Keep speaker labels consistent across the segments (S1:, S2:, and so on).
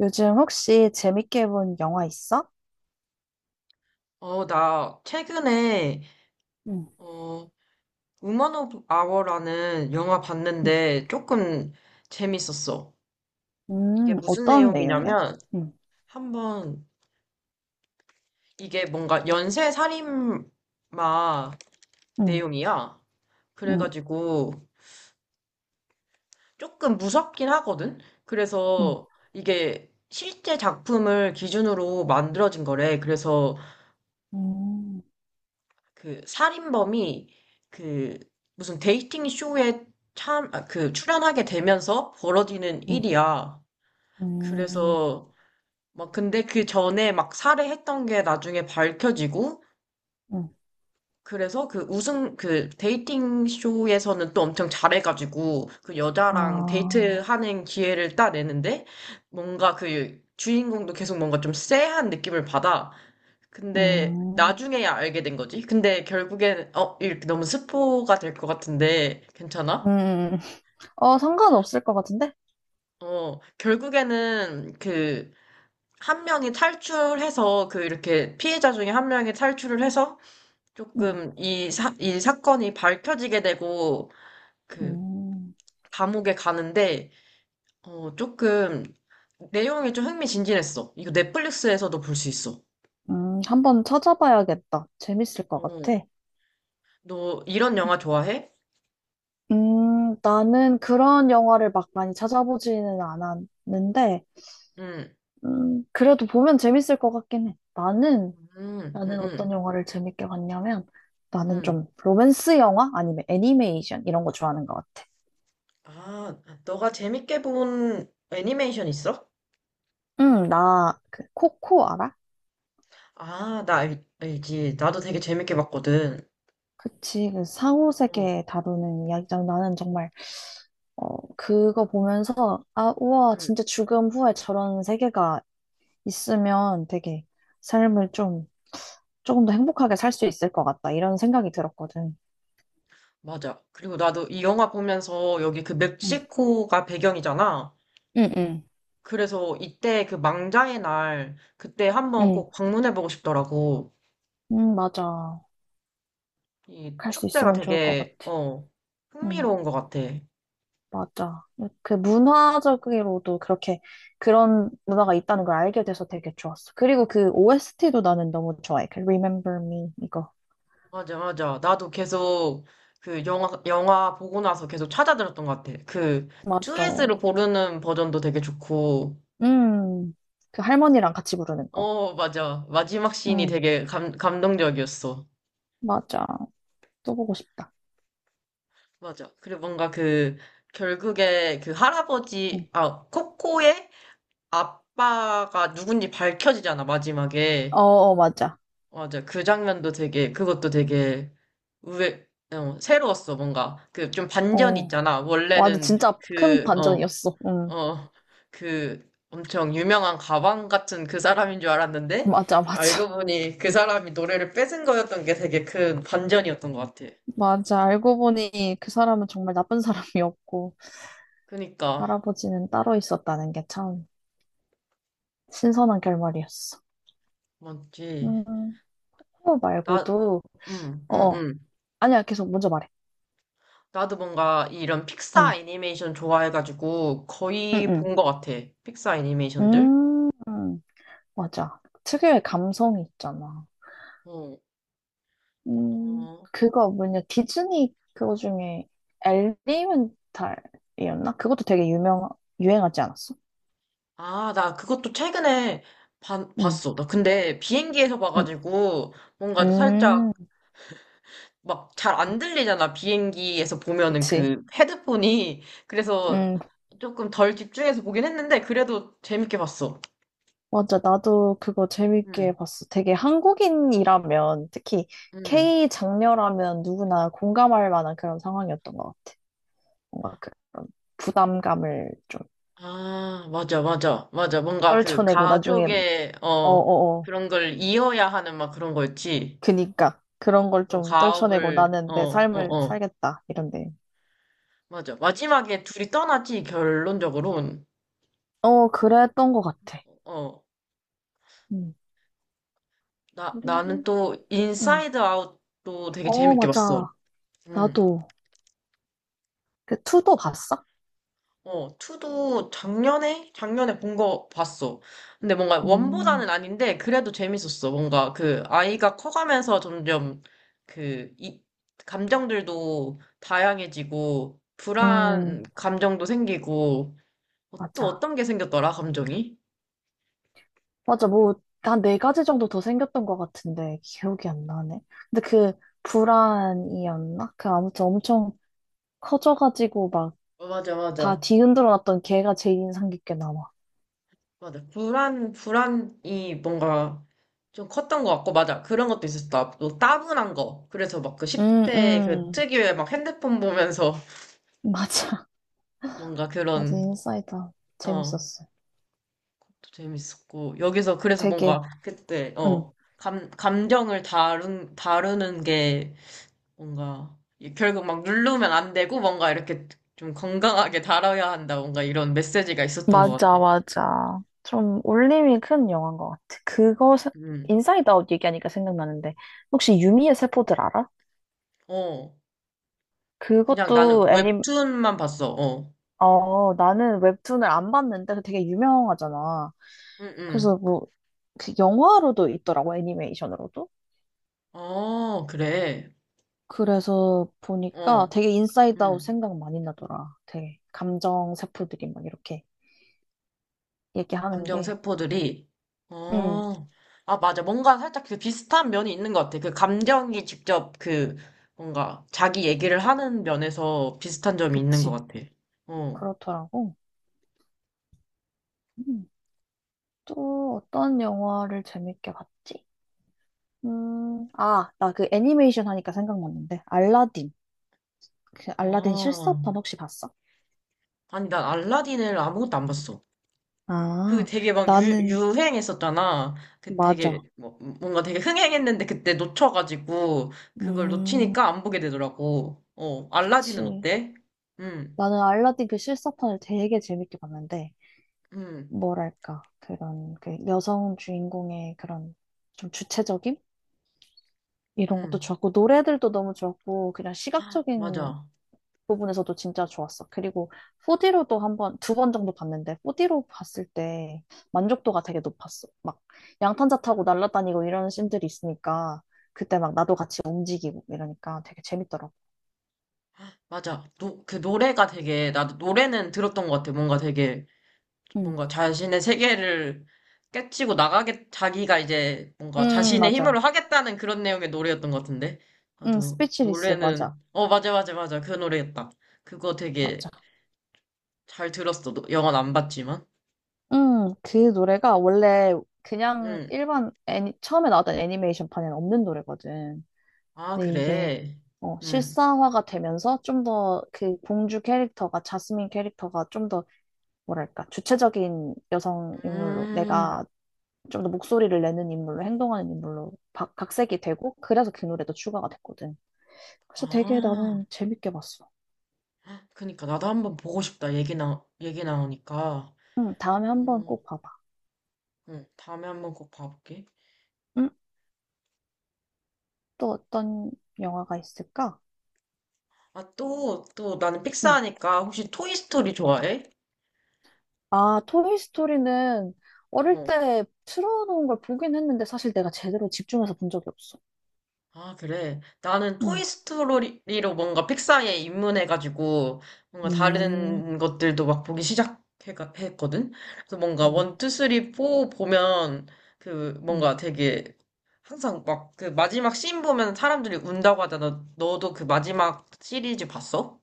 S1: 요즘 혹시 재밌게 본 영화 있어?
S2: 나 최근에
S1: 응.
S2: 어, 우먼 오브 아워라는 영화
S1: 응.
S2: 봤는데 조금 재밌었어. 이게 무슨
S1: 어떤 내용이야?
S2: 내용이냐면
S1: 응.
S2: 한번 이게 뭔가 연쇄 살인마
S1: 응.
S2: 내용이야.
S1: 응.
S2: 그래가지고 조금 무섭긴 하거든.
S1: 응.
S2: 그래서 이게 실제 작품을 기준으로 만들어진 거래. 그래서
S1: 음.
S2: 그 살인범이 그 무슨 데이팅 쇼에 참, 아, 그 출연하게 되면서 벌어지는
S1: 응.
S2: 일이야.
S1: 음.
S2: 그래서 막 근데 그 전에 막 살해했던 게 나중에 밝혀지고
S1: 응.
S2: 그래서 그 우승 그 데이팅 쇼에서는 또 엄청 잘해가지고 그 여자랑
S1: 아.
S2: 데이트하는 기회를 따내는데 뭔가 그 주인공도 계속 뭔가 좀 쎄한 느낌을 받아.
S1: 응.
S2: 근데
S1: 음.
S2: 나중에야 알게 된 거지. 근데 결국엔 이렇게 너무 스포가 될 것 같은데
S1: 음.
S2: 괜찮아?
S1: 음, 어, 상관없을 것 같은데?
S2: 결국에는 그 한 명이 탈출해서 그 이렇게 피해자 중에 한 명이 탈출을 해서
S1: 응.
S2: 조금 이 사건이 밝혀지게 되고 그
S1: 음.
S2: 감옥에 가는데 조금 내용이 좀 흥미진진했어. 이거 넷플릭스에서도 볼 수 있어.
S1: 음. 한번 찾아봐야겠다. 재밌을 것
S2: 어,
S1: 같아.
S2: 너 이런 영화 좋아해?
S1: 나는 그런 영화를 막 많이 찾아보지는 않았는데,
S2: 응,
S1: 그래도 보면 재밌을 것 같긴 해. 나는
S2: 응, 응,
S1: 나는
S2: 응,
S1: 어떤 영화를 재밌게 봤냐면 나는
S2: 응.
S1: 좀 로맨스 영화 아니면 애니메이션 이런 거 좋아하는 것 같아.
S2: 아, 너가 재밌게 본 애니메이션 있어?
S1: 응, 나 그 코코 알아?
S2: 아, 나 알지. 나도 되게 재밌게 봤거든.
S1: 그치, 그
S2: 어,
S1: 상호세계 다루는 이야기잖아. 나는 정말 어 그거 보면서 아 우와
S2: 응,
S1: 진짜 죽음 후에 저런 세계가 있으면 되게 삶을 좀 조금 더 행복하게 살 수 있을 것 같다 이런 생각이 들었거든.
S2: 맞아. 그리고 나도 이 영화 보면서 여기 그
S1: 응,
S2: 멕시코가 배경이잖아.
S1: 응, 응.
S2: 그래서 이때 그 망자의 날, 그때 한번
S1: 응,
S2: 꼭 방문해보고 싶더라고.
S1: 응 맞아.
S2: 이
S1: 갈 수
S2: 축제가
S1: 있으면 좋을 것 같아.
S2: 되게,
S1: 응.
S2: 흥미로운 것 같아.
S1: 맞아. 그 문화적으로도 그렇게 그런 문화가 있다는 걸 알게 돼서 되게 좋았어. 그리고 그 OST도 나는 너무 좋아해. 그 Remember Me 이거.
S2: 맞아, 맞아. 나도 계속 그 영화 보고 나서 계속 찾아들었던 것 같아. 그2스
S1: 맞죠.
S2: 를 고르는 버전도 되게 좋고,
S1: 음. 그 할머니랑 같이 부르는 거.
S2: 맞아. 마지막 씬이
S1: 음.
S2: 되게 감동적이었어.
S1: 맞아. 또 보고 싶다.
S2: 맞아. 그리고 뭔가 그, 결국에
S1: 음.
S2: 코코의 아빠가 누군지 밝혀지잖아,
S1: 어,
S2: 마지막에.
S1: 어, 맞아.
S2: 맞아. 그 장면도 되게, 그것도 되게 의외, 새로웠어, 뭔가. 그 좀 반전이
S1: 어.
S2: 있잖아.
S1: 맞아.
S2: 원래는
S1: 진짜 큰
S2: 그, 어,
S1: 반전이었어. 음.
S2: 어, 그 엄청 유명한 가방 같은 그 사람인 줄 알았는데,
S1: 맞아, 맞아.
S2: 알고 보니 그 사람이 노래를 뺏은 거였던 게 되게 큰 반전이었던 것 같아.
S1: 맞아. 알고 보니 그 사람은 정말 나쁜 사람이었고,
S2: 그니까,
S1: 할아버지는 따로 있었다는 게 참 신선한 결말이었어.
S2: 맞지.
S1: 음. 그거
S2: 나,
S1: 말고도,
S2: 응,
S1: 어,
S2: 응,
S1: 어.
S2: 응,
S1: 아니야, 계속 먼저 말해.
S2: 나도 뭔가 이런
S1: 응,
S2: 픽사 애니메이션 좋아해가지고
S1: 응,
S2: 거의
S1: 응.
S2: 본 것 같아. 픽사 애니메이션들.
S1: 음, 음, 맞아. 특유의 감성이 있잖아.
S2: 어, 어.
S1: 그거 뭐냐, 디즈니 그거 중에 엘리멘탈이었나? 그것도 되게 유명, 유행하지 않았어?
S2: 아, 나 그것도 최근에
S1: 응,
S2: 봤어. 나 근데 비행기에서
S1: 응,
S2: 봐가지고 뭔가 살짝
S1: 음,
S2: 막 잘 안 들리잖아. 비행기에서 보면은
S1: 그치.
S2: 그 헤드폰이. 그래서
S1: 음,
S2: 조금 덜 집중해서 보긴 했는데, 그래도 재밌게 봤어.
S1: 맞아. 나도 그거 재밌게
S2: 응,
S1: 봤어. 되게 한국인이라면, 특히
S2: 응.
S1: K 장녀라면 누구나 공감할 만한 그런 상황이었던 것 같아. 뭔가 그런 부담감을 좀
S2: 아, 맞아, 맞아, 맞아. 뭔가 그
S1: 떨쳐내고 나중에
S2: 가족의,
S1: 어어어
S2: 그런 걸 이어야 하는 막 그런 거였지.
S1: 그니까 그런 걸
S2: 그런
S1: 좀 떨쳐내고
S2: 가업을,
S1: 나는
S2: 어,
S1: 내
S2: 어,
S1: 삶을
S2: 어.
S1: 살겠다 이런데
S2: 맞아. 마지막에 둘이 떠나지, 결론적으로는.
S1: 어 그랬던 것 같아.
S2: 어,
S1: 음
S2: 나는
S1: 그리고
S2: 또 인사이드 아웃도 되게
S1: 음어
S2: 재밌게 봤어.
S1: 맞아
S2: 응.
S1: 나도 그 투도 봤어?
S2: 투도 작년에? 작년에 본 거 봤어. 근데 뭔가 원보다는
S1: 음,
S2: 아닌데, 그래도 재밌었어. 뭔가 그 아이가 커가면서 점점 그, 이, 감정들도 다양해지고, 불안
S1: 음
S2: 감정도 생기고, 또
S1: 맞아
S2: 어떤 게 생겼더라, 감정이?
S1: 맞아 뭐 한 네 가지 정도 더 생겼던 것 같은데 기억이 안 나네. 근데 그 불안이었나? 그 아무튼 엄청 커져가지고 막
S2: 어, 맞아,
S1: 다
S2: 맞아.
S1: 뒤흔들어 놨던 걔가 제일 인상 깊게 남아.
S2: 맞아. 불안이 뭔가 좀 컸던 것 같고, 맞아. 그런 것도 있었다. 또 따분한 거. 그래서 막 그
S1: 음,
S2: 10대 그
S1: 음.
S2: 특유의 막 핸드폰 보면서
S1: 맞아.
S2: 뭔가
S1: 맞아,
S2: 그런
S1: 인사이다.
S2: 어,
S1: 재밌었어.
S2: 또 재밌었고, 여기서 그래서 뭔가
S1: 되게,
S2: 그때,
S1: 응.
S2: 감정을 다루는 게 뭔가, 결국 막 누르면 안 되고 뭔가 이렇게 좀 건강하게 다뤄야 한다, 뭔가 이런 메시지가 있었던 것 같아.
S1: 맞아, 맞아. 좀 울림이 큰 영화인 것 같아.
S2: 음,
S1: 인사이드 아웃 얘기하니까 생각나는데, 혹시 유미의 세포들 알아?
S2: 어, 그냥 나는
S1: 그것도 애니,
S2: 웹툰만 봤어, 어.
S1: 어, 나는 웹툰을 안 봤는데 되게 유명하잖아.
S2: 응, 응.
S1: 그래서 뭐, 그 영화로도 있더라고, 애니메이션으로도.
S2: 어, 그래.
S1: 그래서 보니까
S2: 어,
S1: 되게 인사이드 아웃
S2: 음.
S1: 생각 많이 나더라. 되게 감정 세포들이 막 이렇게. 얘기하는
S2: 감정
S1: 게,
S2: 세포들이
S1: 음,
S2: 어, 아 맞아 뭔가 살짝 그 비슷한 면이 있는 것 같아 그 감정이 직접 그 뭔가 자기 얘기를 하는 면에서 비슷한 점이 있는 것
S1: 그치.
S2: 같아. 어
S1: 그렇더라고. 음, 또 어떤 영화를 재밌게 봤지? 아, 나 그 애니메이션 하니까 생각났는데, 알라딘. 그 알라딘
S2: 아,
S1: 실사판 혹시 봤어?
S2: 아니, 난 알라딘을 아무것도 안 봤어. 그
S1: 아,
S2: 되게 막
S1: 나는,
S2: 유행했었잖아. 그 되게
S1: 맞아.
S2: 뭐 뭔가 되게 흥행했는데 그때 놓쳐가지고 그걸
S1: 음,
S2: 놓치니까 안 보게 되더라고. 알라딘은
S1: 그치.
S2: 어때? 응,
S1: 나는 알라딘 그 실사판을 되게 재밌게 봤는데,
S2: 응,
S1: 뭐랄까, 그런 그 여성 주인공의 그런 좀 주체적인? 이런 것도
S2: 응,
S1: 좋았고, 노래들도 너무 좋았고, 그냥 시각적인
S2: 맞아,
S1: 부분에서도 진짜 좋았어. 그리고 4D로도 한 번, 두 번 정도 봤는데 4D로 봤을 때 만족도가 되게 높았어. 막 양탄자 타고 날아다니고 이런 씬들이 있으니까 그때 막 나도 같이 움직이고 이러니까 되게 재밌더라고.
S2: 맞아. 그 노래가 되게, 나도 노래는 들었던 것 같아. 뭔가 되게,
S1: 응
S2: 뭔가 자신의 세계를 깨치고 나가게, 자기가 이제 뭔가 자신의 힘으로
S1: 맞아.
S2: 하겠다는 그런 내용의 노래였던 것 같은데. 나도
S1: 스피치리스
S2: 노래는,
S1: 맞아.
S2: 맞아, 맞아, 맞아. 그 노래였다. 그거 되게
S1: 맞아.
S2: 잘 들었어. 영화는 안 봤지만.
S1: 그 노래가 원래 그냥
S2: 응.
S1: 일반 애니, 처음에 나왔던 애니메이션판에는 없는 노래거든.
S2: 아,
S1: 근데 이게
S2: 그래.
S1: 어,
S2: 응.
S1: 실사화가 되면서 좀 더 그 공주 캐릭터가, 자스민 캐릭터가 좀더 뭐랄까, 주체적인 여성 인물로,
S2: 음.
S1: 내가 좀 더 목소리를 내는 인물로, 행동하는 인물로 각색이 되고, 그래서 그 노래도 추가가 됐거든. 그래서 되게
S2: 아.
S1: 나는 재밌게 봤어.
S2: 그니까 나도 한번 보고 싶다. 얘기 나오니까.
S1: 응, 다음에 한번
S2: 어,
S1: 꼭 봐봐.
S2: 응. 다음에 한번 꼭 봐볼게.
S1: 응? 또 어떤 영화가 있을까?
S2: 아, 또, 나는
S1: 응,
S2: 픽사하니까 혹시 토이스토리
S1: 응.
S2: 좋아해?
S1: 아, 토이 스토리는 어릴
S2: 어.
S1: 때 틀어놓은 걸 보긴 했는데, 사실 내가 제대로 집중해서 본 적이 없어.
S2: 아, 그래. 나는
S1: 응,
S2: 토이스토리로 뭔가 픽사에 입문해가지고 뭔가
S1: 음,
S2: 다른 것들도 막 보기 시작했거든? 그래서 뭔가
S1: 응,
S2: 원, 투, 쓰리, 포 보면 그
S1: 응.
S2: 뭔가 되게 항상 막 그 마지막 씬 보면 사람들이 운다고 하잖아. 너도 그 마지막 시리즈 봤어?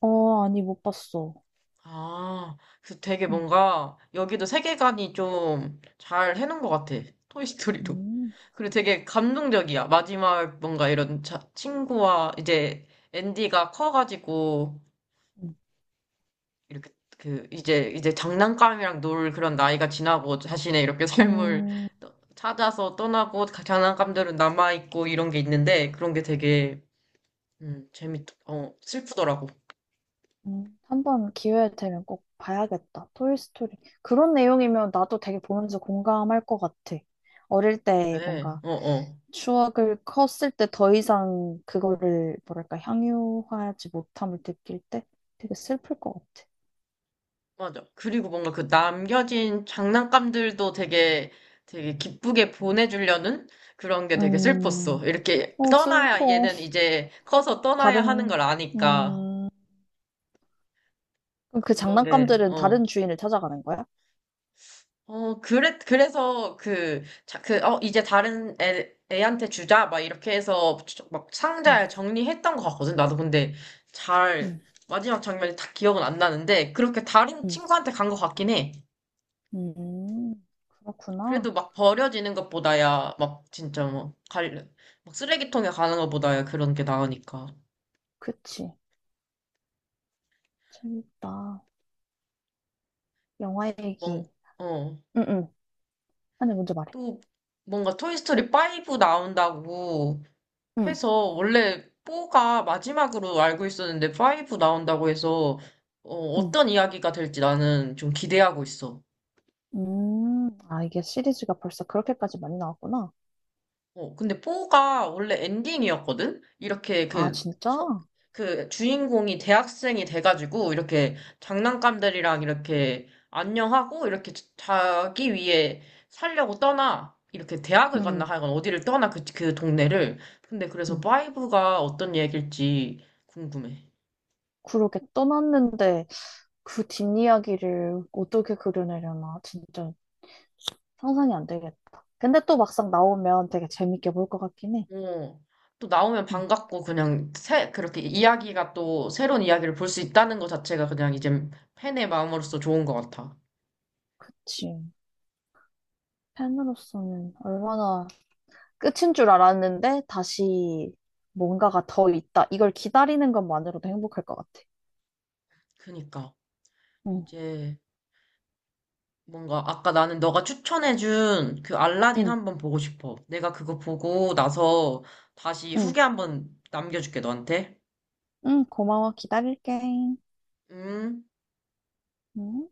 S1: 어, 아니, 못 봤어.
S2: 아, 그래서 되게
S1: 응,
S2: 뭔가 여기도 세계관이 좀 잘 해놓은 것 같아. 토이스토리도.
S1: 음.
S2: 그리고 되게 감동적이야. 마지막 뭔가 이런 친구와 이제 앤디가 커가지고
S1: 응.
S2: 이렇게 그 이제 장난감이랑 놀 그런 나이가 지나고 자신의 이렇게 삶을
S1: 음.
S2: 찾아서 떠나고 장난감들은 남아있고 이런 게 있는데 그런 게 되게 슬프더라고.
S1: 한번 기회 되면 꼭 봐야겠다. 토이스토리. 그런 내용이면 나도 되게 보면서 공감할 것 같아. 어릴 때
S2: 그래,
S1: 뭔가
S2: 어, 어.
S1: 추억을 컸을 때 더 이상 그거를 뭐랄까 향유하지 못함을 느낄 때 되게 슬플 것 같아.
S2: 맞아. 그리고 뭔가 그 남겨진 장난감들도 되게 기쁘게 보내주려는 그런 게 되게
S1: 음,
S2: 슬펐어. 이렇게
S1: 어,
S2: 떠나야,
S1: 슬퍼.
S2: 얘는 이제 커서 떠나야 하는 걸
S1: 다른,
S2: 아니까.
S1: 음, 그럼 그
S2: 그런 게,
S1: 장난감들은 다른
S2: 어.
S1: 주인을 찾아가는 거야?
S2: 어, 그래, 그래서 이제 다른 애한테 주자. 막 이렇게 해서 막
S1: 응,
S2: 상자에 정리했던 것 같거든. 나도 근데 잘,
S1: 응,
S2: 마지막 장면이 다 기억은 안 나는데, 그렇게 다른
S1: 응,
S2: 친구한테 간 것 같긴 해.
S1: 음, 그렇구나.
S2: 그래도 막 버려지는 것보다야, 막 진짜 뭐, 막 쓰레기통에 가는 것보다야 그런 게 나으니까.
S1: 그치. 재밌다. 영화
S2: 또
S1: 얘기.
S2: 어,
S1: 응응. 아니, 먼저 말해.
S2: 또 뭔가 토이스토리 5 나온다고
S1: 응,
S2: 해서, 원래 4가 마지막으로 알고 있었는데 5 나온다고 해서,
S1: 응.
S2: 어떤 이야기가 될지 나는 좀 기대하고 있어.
S1: 아, 이게 시리즈가 벌써 그렇게까지 많이 나왔구나.
S2: 근데 포가 원래 엔딩이었거든? 이렇게
S1: 아, 진짜?
S2: 그 주인공이 대학생이 돼가지고 이렇게 장난감들이랑 이렇게 안녕하고 이렇게 자기 위해 살려고 떠나. 이렇게 대학을 갔나
S1: 응.
S2: 하여간 어디를 떠나 그 동네를. 근데 그래서
S1: 응.
S2: 파이브가 어떤 얘길지 궁금해.
S1: 그렇게 떠났는데 그 뒷이야기를 어떻게 그려내려나 진짜 상상이 안 되겠다. 근데 또 막상 나오면 되게 재밌게 볼 것 같긴 해.
S2: 어, 또 나오면
S1: 응,
S2: 반갑고 그냥 그렇게 이야기가 또 새로운 이야기를 볼 수 있다는 것 자체가 그냥 이제 팬의 마음으로서 좋은 것 같아.
S1: 그치. 팬으로서는 얼마나 끝인 줄 알았는데 다시 뭔가가 더 있다. 이걸 기다리는 것만으로도 행복할 것 같아.
S2: 그니까.
S1: 응,
S2: 이제 뭔가 아까 나는 너가 추천해준 그 알라딘
S1: 응,
S2: 한번 보고 싶어. 내가 그거 보고 나서 다시
S1: 응.
S2: 후기 한번 남겨줄게, 너한테.
S1: 응, 고마워. 기다릴게.
S2: 음.
S1: 응?